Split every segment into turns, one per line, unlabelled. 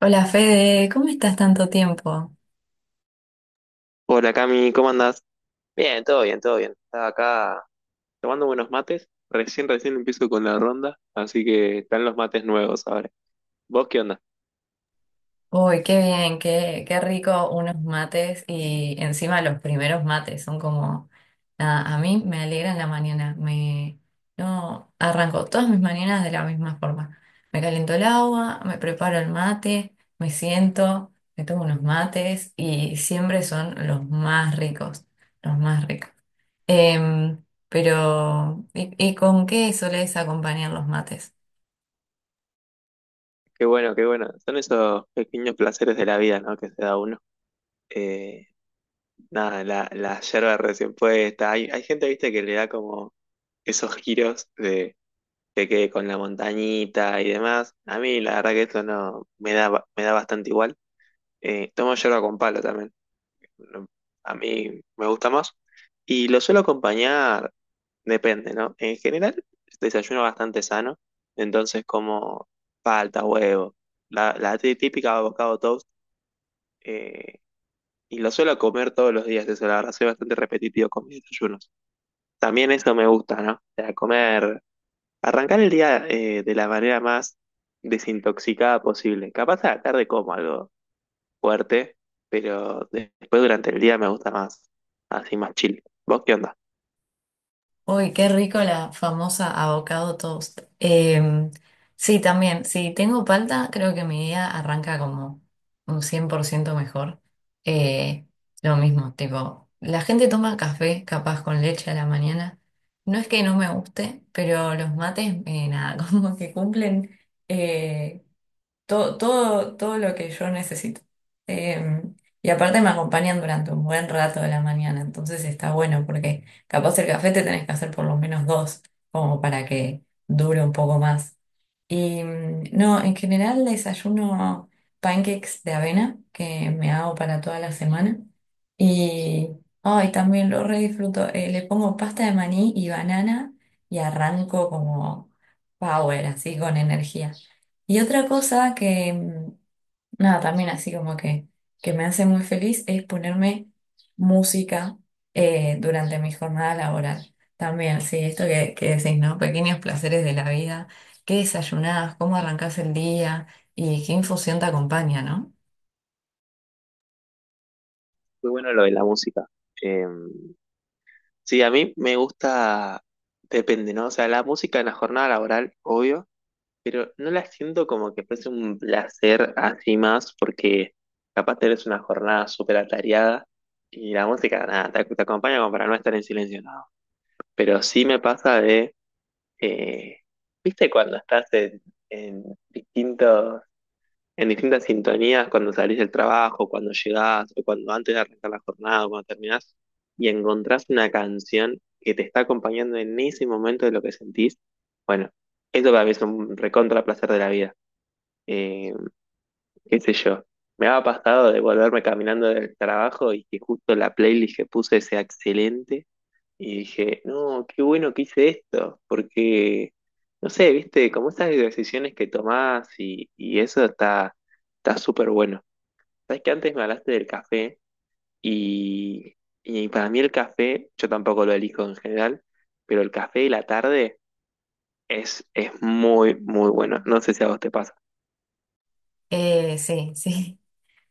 Hola Fede, ¿cómo estás tanto tiempo?
Hola Cami, ¿cómo andás? Bien, todo bien, todo bien. Estaba acá tomando buenos mates. Recién empiezo con la ronda, así que están los mates nuevos ahora. ¿Vos qué onda?
Uy, qué bien, qué rico unos mates y encima los primeros mates son como, nada, a mí me alegran la mañana, me, no, arranco todas mis mañanas de la misma forma. Me caliento el agua, me preparo el mate, me siento, me tomo unos mates y siempre son los más ricos, los más ricos. Pero ¿y con qué solés acompañar los mates?
Qué bueno, qué bueno. Son esos pequeños placeres de la vida, ¿no? Que se da uno. Eh, Nada, la yerba recién puesta. Hay gente, viste, que le da como esos giros de que quede con la montañita y demás. A mí, la verdad que esto no me da, me da bastante igual. Tomo yerba con palo también. A mí me gusta más. Y lo suelo acompañar, depende, ¿no? En general, desayuno bastante sano, entonces como palta, huevo, la típica avocado toast, eh, y lo suelo comer todos los días, eso la verdad, soy bastante repetitivo con mis desayunos. También eso me gusta, ¿no? O sea, comer, arrancar el día de la manera más desintoxicada posible. Capaz a la tarde como algo fuerte, pero después durante el día me gusta más, así más chill. ¿Vos qué onda?
Uy, qué rico la famosa avocado toast. Sí, también, si tengo palta, creo que mi día arranca como un 100% mejor. Eh, lo mismo, tipo, la gente toma café capaz con leche a la mañana. No es que no me guste, pero los mates, nada, como que cumplen eh, todo lo que yo necesito. Eh, y aparte me acompañan durante un buen rato de la mañana, entonces está bueno porque capaz el café te tenés que hacer por lo menos dos, como para que dure un poco más. Y no, en general desayuno pancakes de avena que me hago para toda la semana. Y ay, también lo re disfruto. Le pongo pasta de maní y banana y arranco como power, así con energía. Y otra cosa que, mm, nada, también así como que me hace muy feliz es ponerme música durante mi jornada laboral. También, sí, esto que decís, ¿no? Pequeños placeres de la vida, qué desayunás, cómo arrancás el día y qué infusión te acompaña, ¿no?
Muy bueno lo de la música. Eh, sí, a mí me gusta, depende, ¿no? O sea, la música en la jornada laboral, obvio, pero no la siento como que fuese un placer así más, porque capaz tenés una jornada súper atareada y la música, nada, te acompaña como para no estar en silencio, nada. Pero sí me pasa eh, ¿viste cuando estás en distintos en distintas sintonías cuando salís del trabajo, cuando llegás, o cuando antes de arrancar la jornada, o cuando terminás, y encontrás una canción que te está acompañando en ese momento de lo que sentís, bueno, eso para mí es un recontra placer de la vida. Eh, Qué sé yo. Me ha pasado de volverme caminando del trabajo y que justo la playlist que puse sea excelente. Y dije, no, qué bueno que hice esto, porque, no sé, viste, como esas decisiones que tomás y eso está súper bueno. Sabes que antes me hablaste del café y, y para mí el café, yo tampoco lo elijo en general, pero el café de la tarde es muy, muy bueno. No sé si a vos te pasa.
Sí, sí.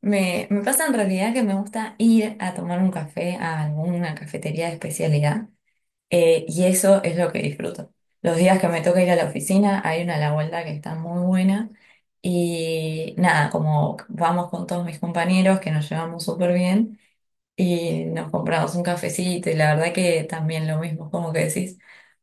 Me pasa en realidad que me gusta ir a tomar un café a alguna cafetería de especialidad. Y eso es lo que disfruto. Los días que me toca ir a la oficina, hay una a la vuelta que está muy buena. Y nada, como vamos con todos mis compañeros que nos llevamos súper bien y nos compramos un cafecito y la verdad que también lo mismo, como que decís,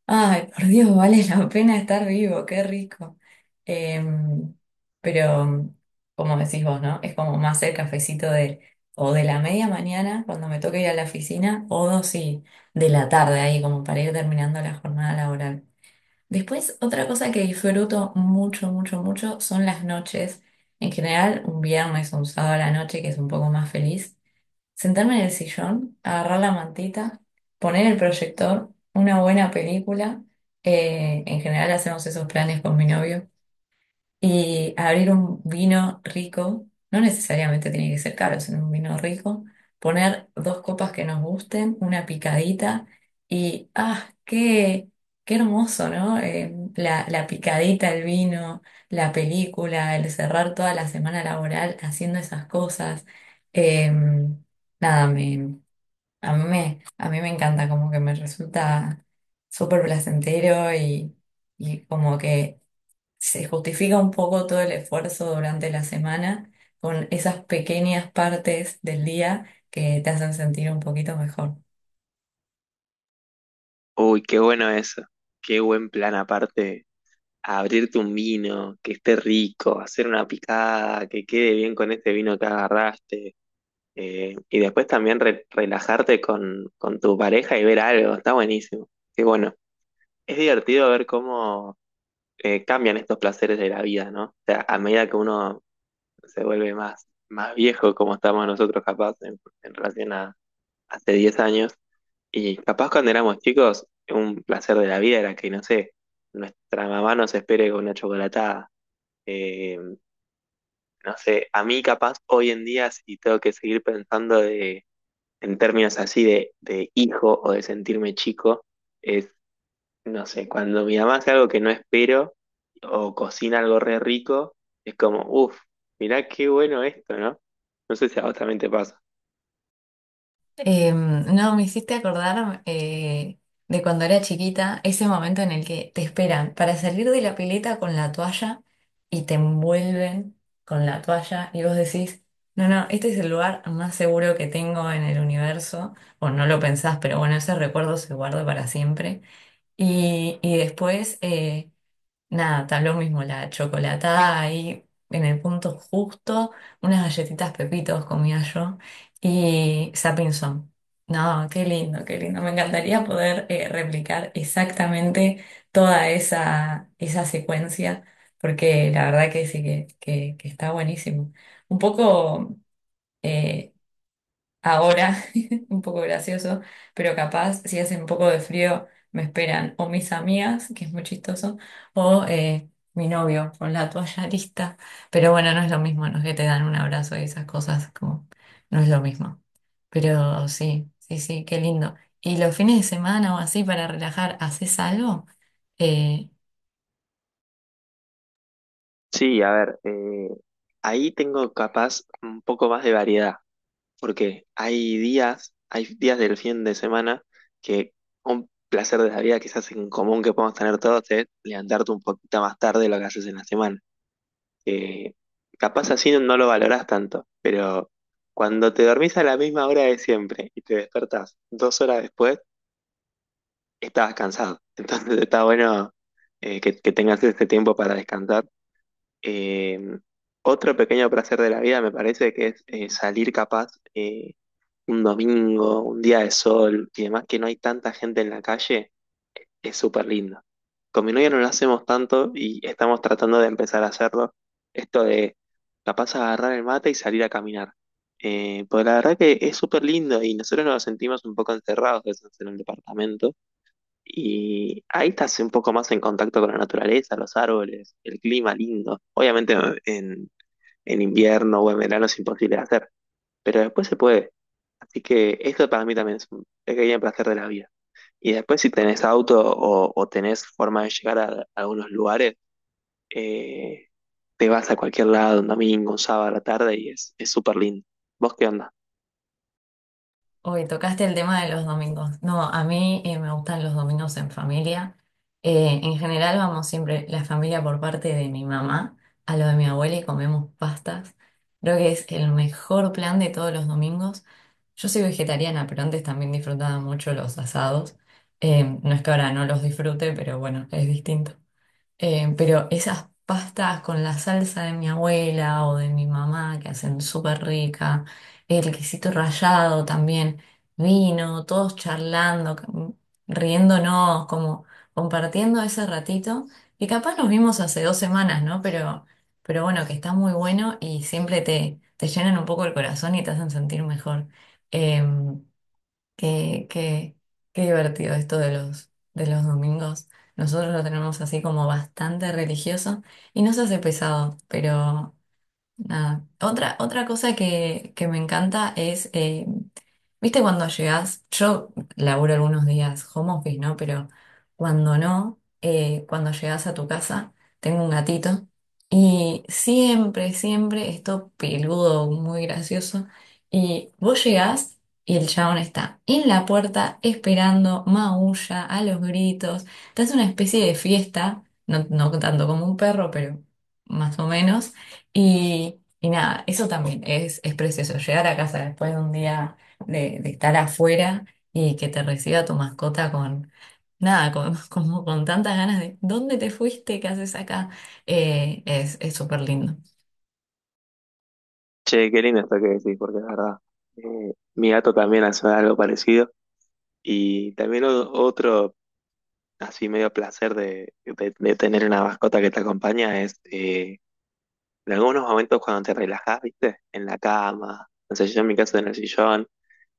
ay, por Dios, vale la pena estar vivo, qué rico. Em, pero como decís vos, ¿no? Es como más el cafecito de o de la media mañana cuando me toca ir a la oficina o dos y de la tarde ahí como para ir terminando la jornada laboral. Después, otra cosa que disfruto mucho, mucho, mucho son las noches. En general, un viernes, un sábado a la noche, que es un poco más feliz. Sentarme en el sillón, agarrar la mantita, poner el proyector, una buena película. En general hacemos esos planes con mi novio. Y abrir un vino rico, no necesariamente tiene que ser caro, sino un vino rico, poner dos copas que nos gusten, una picadita y ah, qué qué hermoso, ¿no? La picadita, el vino, la película, el cerrar toda la semana laboral haciendo esas cosas. Eh, nada, me, A mí a mí me encanta, como que me resulta súper placentero y como que se justifica un poco todo el esfuerzo durante la semana con esas pequeñas partes del día que te hacen sentir un poquito mejor.
Uy, qué bueno eso. Qué buen plan aparte. Abrirte un vino, que esté rico, hacer una picada, que quede bien con este vino que agarraste. Y después también relajarte con tu pareja y ver algo. Está buenísimo. Qué bueno. Es divertido ver cómo cambian estos placeres de la vida, ¿no? O sea, a medida que uno se vuelve más viejo, como estamos nosotros capaz en relación a hace 10 años, y capaz cuando éramos chicos, un placer de la vida era que, no sé, nuestra mamá nos espere con una chocolatada. Eh, no sé, a mí capaz hoy en día si tengo que seguir pensando en términos así de hijo o de sentirme chico, es. No sé, cuando mi mamá hace algo que no espero o cocina algo re rico, es como, uff, mirá qué bueno esto, ¿no? No sé si a vos también te pasa.
No, me hiciste acordar de cuando era chiquita, ese momento en el que te esperan para salir de la pileta con la toalla y te envuelven con la toalla y vos decís, no, no, este es el lugar más seguro que tengo en el universo, o no lo pensás, pero bueno, ese recuerdo se guarda para siempre. Y después... nada, está lo mismo la chocolatada ahí en el punto justo, unas galletitas Pepitos comía yo y Sapinson. No, qué lindo, qué lindo. Me encantaría poder replicar exactamente toda esa secuencia, porque la verdad que sí que, que está buenísimo. Un poco, eh, ahora, un poco gracioso, pero capaz si hace un poco de frío me esperan o mis amigas, que es muy chistoso, o mi novio con la toalla lista. Pero bueno, no es lo mismo, no es que te dan un abrazo y esas cosas, como no es lo mismo. Pero sí, sí, sí, qué lindo. ¿Y los fines de semana o así para relajar, haces algo? Eh,
Sí, a ver, ahí tengo capaz un poco más de variedad, porque hay días del fin de semana que un placer de la vida quizás en común que podemos tener todos es levantarte un poquito más tarde de lo que haces en la semana. Eh, Capaz así no lo valorás tanto, pero cuando te dormís a la misma hora de siempre y te despertás 2 horas después, estabas cansado. Entonces está bueno que tengas este tiempo para descansar. Eh, Otro pequeño placer de la vida me parece que es salir capaz eh, un domingo, un día de sol y demás, que no hay tanta gente en la calle es súper lindo. Con mi novia no lo hacemos tanto y estamos tratando de empezar a hacerlo. Esto de capaz agarrar el mate y salir a caminar. Pues la verdad que es súper lindo y nosotros nos sentimos un poco encerrados que estamos en el departamento y ahí estás un poco más en contacto con la naturaleza, los árboles, el clima lindo. Obviamente en, en invierno o en verano es imposible de hacer, pero después se puede. Así que esto para mí también es un pequeño placer de la vida. Y después si tenés auto o tenés forma de llegar a algunos lugares, eh, te vas a cualquier lado, un domingo, un sábado a la tarde y es súper lindo. ¿Vos qué onda?
Hoy tocaste el tema de los domingos. No, a mí me gustan los domingos en familia. En general vamos siempre la familia por parte de mi mamá a lo de mi abuela y comemos pastas. Creo que es el mejor plan de todos los domingos. Yo soy vegetariana, pero antes también disfrutaba mucho los asados. No es que ahora no los disfrute, pero bueno, es distinto. Pero esas pastas con la salsa de mi abuela o de mi mamá que hacen súper rica, el quesito rallado también, vino, todos charlando, riéndonos, como compartiendo ese ratito, que capaz nos vimos hace dos semanas, ¿no? Pero bueno, que está muy bueno y siempre te llenan un poco el corazón y te hacen sentir mejor. Em, Qué, qué, qué divertido esto de de los domingos. Nosotros lo tenemos así como bastante religioso y no se hace pesado, pero nada. Otra cosa que me encanta es ¿viste cuando llegas? Yo laburo algunos días home office, ¿no? Pero cuando no, cuando llegas a tu casa, tengo un gatito y siempre, siempre esto peludo, muy gracioso. Y vos llegás y el chabón está en la puerta esperando, maulla, a los gritos. Te hace una especie de fiesta, no, no tanto como un perro, pero más o menos. Y nada, eso también es precioso. Llegar a casa después de un día de estar afuera y que te reciba tu mascota con nada, con, como con tantas ganas de ¿dónde te fuiste? ¿Qué haces acá? Es súper lindo.
Che, qué lindo esto que decís, porque es verdad. Mi gato también hace algo parecido y también otro así medio placer de tener una mascota que te acompaña es en algunos momentos cuando te relajás, ¿viste? En la cama, no sé, yo en mi caso en el sillón,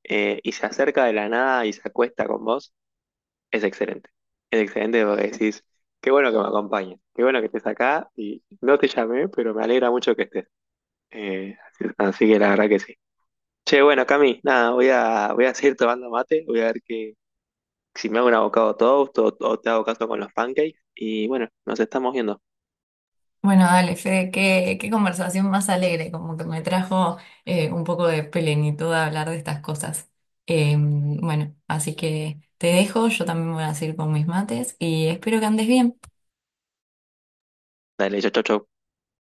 y se acerca de la nada y se acuesta con vos. Es excelente. Es excelente porque decís, qué bueno que me acompañes, qué bueno que estés acá y no te llamé, pero me alegra mucho que estés. Así, así que la verdad que sí. Che, bueno, Cami, nada, voy a seguir tomando mate, voy a ver que, si me hago un avocado toast o te hago caso con los pancakes y bueno, nos estamos viendo.
Bueno, dale, Fede, qué conversación más alegre, como que me trajo un poco de plenitud a hablar de estas cosas. Bueno, así que te dejo, yo también voy a seguir con mis mates y espero que andes bien.
Dale, chau, chau, chau.